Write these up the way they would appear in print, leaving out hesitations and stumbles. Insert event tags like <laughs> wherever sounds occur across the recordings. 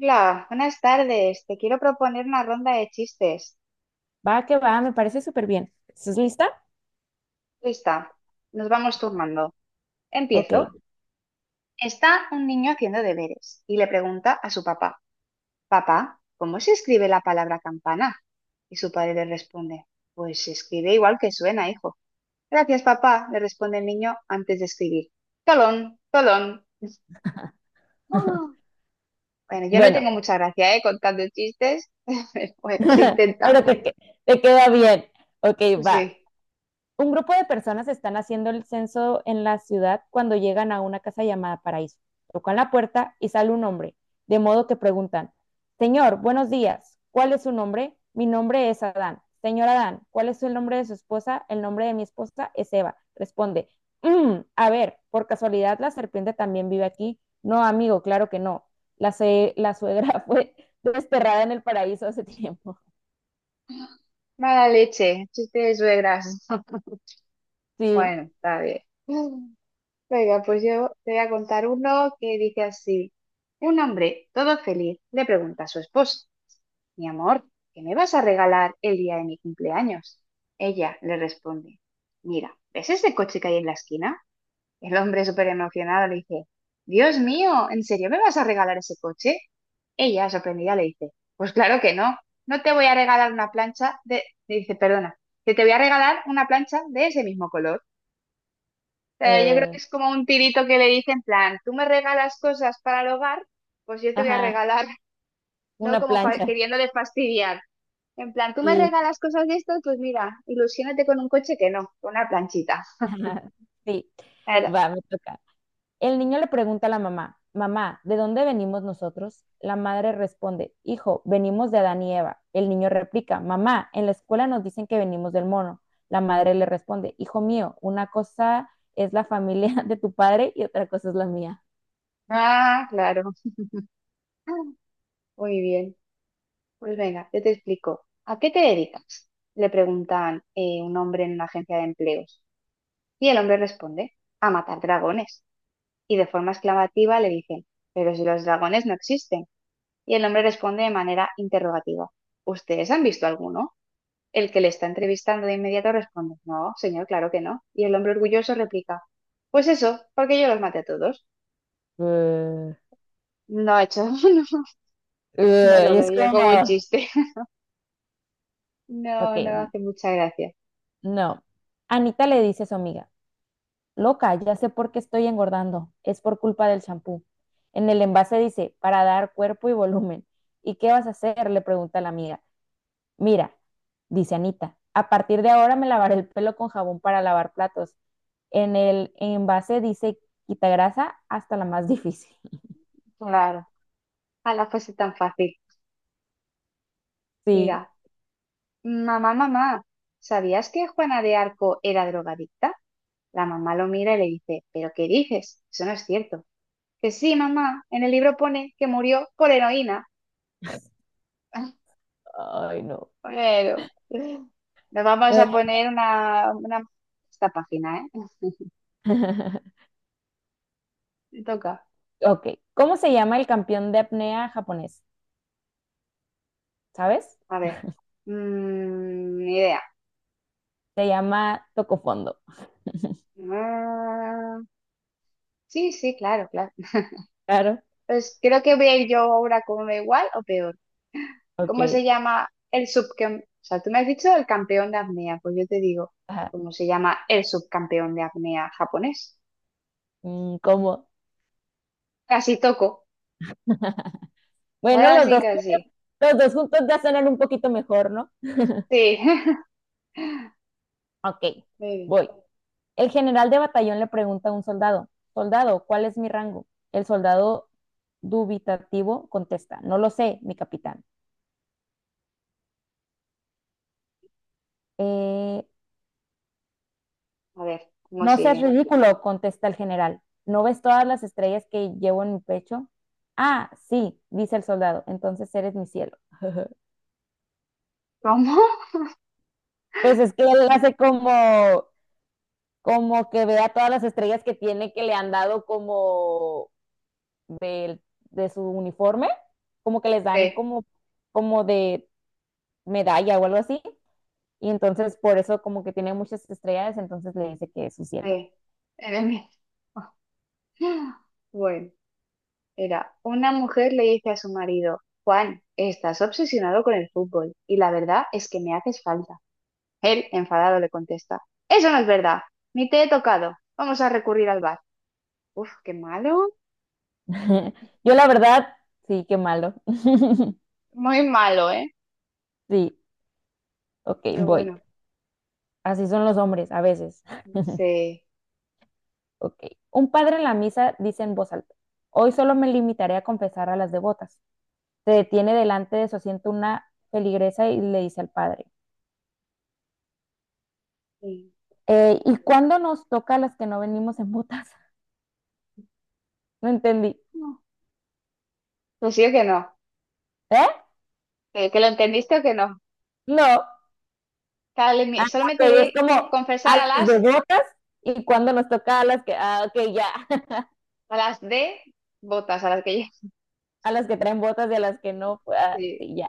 Hola, buenas tardes. Te quiero proponer una ronda de chistes. Va que va, me parece súper bien. ¿Estás lista? Lista, nos vamos turnando. Ok, Empiezo. Está un niño haciendo deberes y le pregunta a su papá: papá, ¿cómo se escribe la palabra campana? Y su padre le responde: pues se escribe igual que suena, hijo. Gracias, papá, le responde el niño antes de escribir. Tolón, tolón. Ah. Bueno, yo no tengo bueno, mucha gracia, ¿eh? Contando chistes. <laughs> Bueno, se <laughs> intenta. pero te queda bien. Ok, Pues va. sí. Un grupo de personas están haciendo el censo en la ciudad cuando llegan a una casa llamada Paraíso. Tocan la puerta y sale un hombre, de modo que preguntan, señor, buenos días, ¿cuál es su nombre? Mi nombre es Adán. Señor Adán, ¿cuál es el nombre de su esposa? El nombre de mi esposa es Eva. Responde, a ver, por casualidad la serpiente también vive aquí. No, amigo, claro que no. La suegra <laughs> fue desterrada en el paraíso hace tiempo. <laughs> Mala leche, chiste de suegras. Sí. Bueno, está bien. <laughs> Venga, pues yo te voy a contar uno que dice así. Un hombre, todo feliz, le pregunta a su esposa: mi amor, ¿qué me vas a regalar el día de mi cumpleaños? Ella le responde: mira, ¿ves ese coche que hay en la esquina? El hombre súper emocionado le dice: Dios mío, ¿en serio me vas a regalar ese coche? Ella, sorprendida, le dice: pues claro que no, no te voy a regalar una plancha de... Le dice: perdona, que te voy a regalar una plancha de ese mismo color sea. Yo creo uh, que es como un tirito que le dice en plan: tú me regalas cosas para el hogar, pues yo te voy a ajá, regalar, <laughs> ¿no? una Como plancha. queriéndole fastidiar. En plan: tú me Sí. regalas cosas de esto, pues mira, ilusiónate con un coche que no, con una planchita. <laughs> Ajá, sí, Claro. va, me toca. El niño le pregunta a la mamá, mamá, ¿de dónde venimos nosotros? La madre responde, hijo, venimos de Adán y Eva. El niño replica, mamá, en la escuela nos dicen que venimos del mono. La madre le responde, hijo mío, una cosa es la familia <laughs> de tu padre y otra cosa es la mía. Ah, claro. <laughs> Ah, muy bien. Pues venga, yo te explico. ¿A qué te dedicas? Le preguntan un hombre en una agencia de empleos. Y el hombre responde: a matar dragones. Y de forma exclamativa le dicen: pero si los dragones no existen. Y el hombre responde de manera interrogativa: ¿ustedes han visto alguno? El que le está entrevistando de inmediato responde: no, señor, claro que no. Y el hombre orgulloso replica: pues eso, porque yo los maté a todos. Eh, No, hecho, <laughs> no, no y lo es veo yo como un como, chiste. <laughs> No, no ok, hace mucha gracia. no. Anita le dice a su amiga, loca, ya sé por qué estoy engordando. Es por culpa del champú. En el envase dice, para dar cuerpo y volumen. ¿Y qué vas a hacer? Le pregunta la amiga. Mira, dice Anita, a partir de ahora me lavaré el pelo con jabón para lavar platos. En el envase dice, quita grasa hasta la más difícil. <laughs> Claro, a la fuese tan fácil. Sí, Mira, mamá, mamá, ¿sabías que Juana de Arco era drogadicta? La mamá lo mira y le dice: ¿pero qué dices? Eso no es cierto. Que sí, mamá, en el libro pone que murió por heroína. <laughs> ay no. Bueno, nos vamos a poner esta página, ¿eh? <laughs> Te toca. Ok, ¿cómo se llama el campeón de apnea japonés? ¿Sabes? A ver. Mm, ni idea. Se llama Tocofondo. Mm, sí, sí, claro, claro. Claro. Pues creo que voy a ir yo ahora como igual o peor. ¿Cómo Ok. se llama el subcampeón? O sea, tú me has dicho el campeón de apnea, pues yo te digo: Ajá. ¿cómo se llama el subcampeón de apnea japonés? Mm, ¿cómo? Casi toco. <laughs> Bueno, los Casi, dos, casi. los dos juntos ya suenan un poquito mejor, ¿no? Sí. <laughs> Ok, Muy bien. voy. El general de batallón le pregunta a un soldado, soldado, ¿cuál es mi rango? El soldado dubitativo contesta, no lo sé, mi capitán. "Eh, A ver, ¿cómo no seas sigue? ridículo, contesta el general. ¿No ves todas las estrellas que llevo en mi pecho? Ah, sí, dice el soldado, entonces eres mi cielo. ¿Cómo? Pues es que él hace como, como que vea todas las estrellas que tiene que le han dado como de, de su uniforme, como que les dan Sí. como, como de medalla o algo así. Y entonces por eso como que tiene muchas estrellas, entonces le dice que es su cielo. Sí, era el mismo. <laughs> Bueno, era una mujer le dice a su marido: Juan, estás obsesionado con el fútbol y la verdad es que me haces falta. Él, enfadado, le contesta: eso no es verdad, ni te he tocado, vamos a recurrir al bar. Uf, qué malo, <laughs> Yo la verdad, sí, qué malo. <laughs> muy malo, ¿eh? Sí, ok, Pero voy. bueno, Así son los hombres a veces. <laughs> sí. Ok. Un padre en la misa dice en voz alta, hoy solo me limitaré a confesar a las devotas. Se detiene delante de su asiento una feligresa y le dice al padre, Sí. Sí. ¿y cuándo nos toca a las que no venimos en botas? <laughs> No entendí. No, pues sí o que no, ¿Eh? Que lo entendiste o que no. No. Dale, Ah, solo me ok, es tiré como a confesar las de botas y cuándo nos toca a las que, ah, ok, ya, <laughs> a las de botas, a las que yo... a las que traen botas y a las que no, pues, ah, Sí. sí, ya,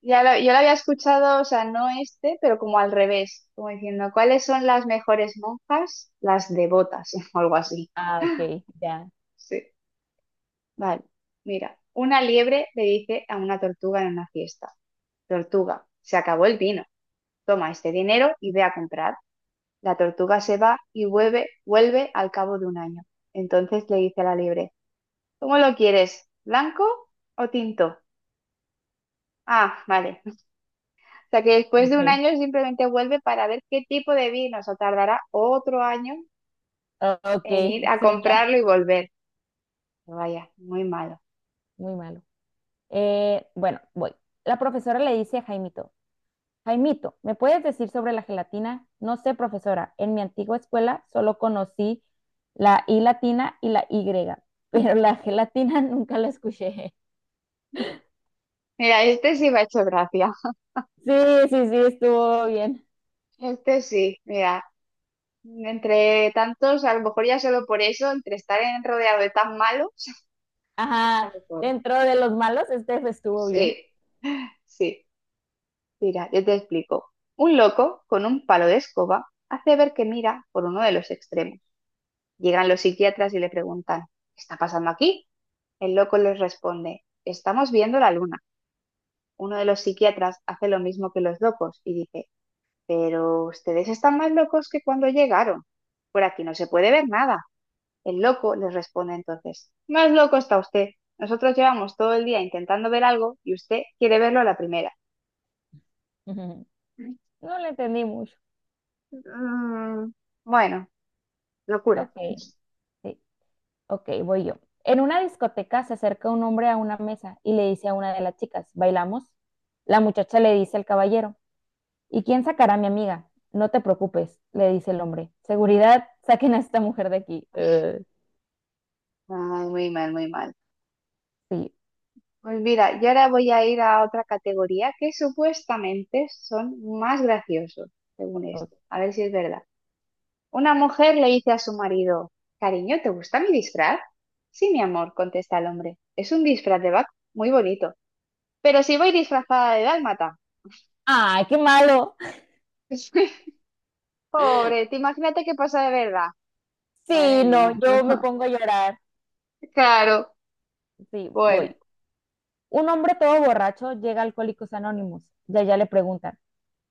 Yo lo había escuchado, o sea, no este, pero como al revés, como diciendo: ¿cuáles son las mejores monjas? Las devotas, <laughs> o algo así. ah, ok, ya, Sí. Vale, mira, una liebre le dice a una tortuga en una fiesta: tortuga, se acabó el vino, toma este dinero y ve a comprar. La tortuga se va y vuelve, vuelve al cabo de un año. Entonces le dice a la liebre: ¿cómo lo quieres? ¿Blanco o tinto? Ah, vale. O sea que después de un ok, año simplemente vuelve para ver qué tipo de vino, o sea, tardará otro año ah, ok, en ir a sí, ya, comprarlo y volver. Vaya, muy malo. muy malo. Bueno, voy. La profesora le dice a Jaimito, Jaimito, ¿me puedes decir sobre la gelatina? No sé, profesora. En mi antigua escuela solo conocí la I latina y la Y, pero la gelatina <laughs> nunca la escuché. Mira, este sí me ha hecho gracia. Sí, sí, sí, estuvo bien. Este sí, mira, entre tantos, a lo mejor ya solo por eso, entre rodeado de tan malos, <laughs> Ajá, suena mejor. dentro de los malos, este estuvo bien. Sí, sí. Mira, yo te explico. Un loco con un palo de escoba hace ver que mira por uno de los extremos. Llegan los psiquiatras y le preguntan: ¿qué está pasando aquí? El loco les responde: estamos viendo la luna. Uno de los psiquiatras hace lo mismo que los locos y dice: pero ustedes están más locos que cuando llegaron. Por aquí no se puede ver nada. El loco les responde entonces: más loco está usted. Nosotros llevamos todo el día intentando ver algo y usted quiere verlo a la primera. <laughs> No le entendí mucho. Mm, bueno, locura. Ok, <laughs> sí, ok, voy yo. En una discoteca se acerca un hombre a una mesa y le dice a una de las chicas, ¿bailamos? La muchacha le dice al caballero, ¿y quién sacará a mi amiga? No te preocupes, le dice el hombre. Seguridad, saquen a esta mujer de aquí. Ay, muy mal, muy mal. Sí. Pues mira, yo ahora voy a ir a otra categoría que supuestamente son más graciosos, según esto. Ok. A ver si es verdad. Una mujer le dice a su marido: cariño, ¿te gusta mi disfraz? Sí, mi amor, contesta el hombre. Es un disfraz de vaca muy bonito. Pero si voy disfrazada de dálmata. ¡Ay, qué malo! <laughs> Pobre, te imagínate qué pasa de verdad. Madre Sí, no, mía. yo me <laughs> pongo a llorar. Claro. Sí, voy. Bueno. Un hombre todo borracho llega a Alcohólicos Anónimos y allá le preguntan,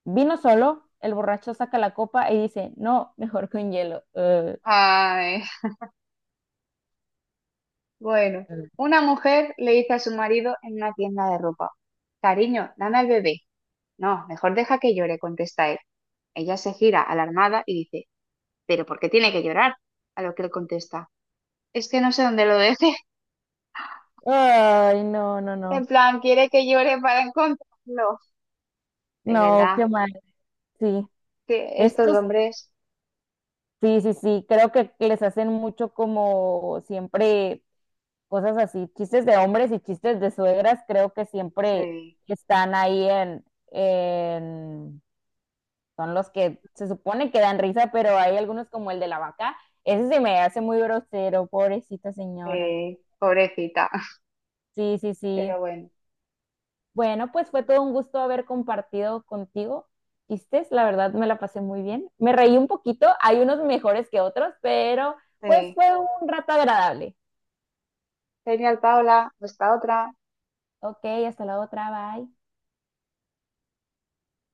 ¿vino solo? El borracho saca la copa y dice, no, mejor con hielo. Ay, bueno. eh. Una mujer le dice a su marido en una tienda de ropa: cariño, dame al bebé. No, mejor deja que llore, contesta él. Ella se gira alarmada y dice: ¿pero por qué tiene que llorar? A lo que él contesta: es que no sé dónde lo deje. <laughs> Ay, no, no, En no. plan, quiere que llore para encontrarlo. De No, qué verdad, mal. Sí, que estos estos, hombres, sí, sí, sí, creo que les hacen mucho como siempre cosas así, chistes de hombres y chistes de suegras, creo que siempre sí, están ahí en- son los que se supone que dan risa, pero hay algunos como el de la vaca, ese se me hace muy grosero, pobrecita señora. sí, pobrecita. <laughs> Sí, sí, sí. Pero bueno, Bueno, pues fue todo un gusto haber compartido contigo chistes, la verdad me la pasé muy bien. Me reí un poquito, hay unos mejores que otros, pero pues sí. fue un rato agradable. Genial, Paula, pues otra. Ok, hasta la otra, bye.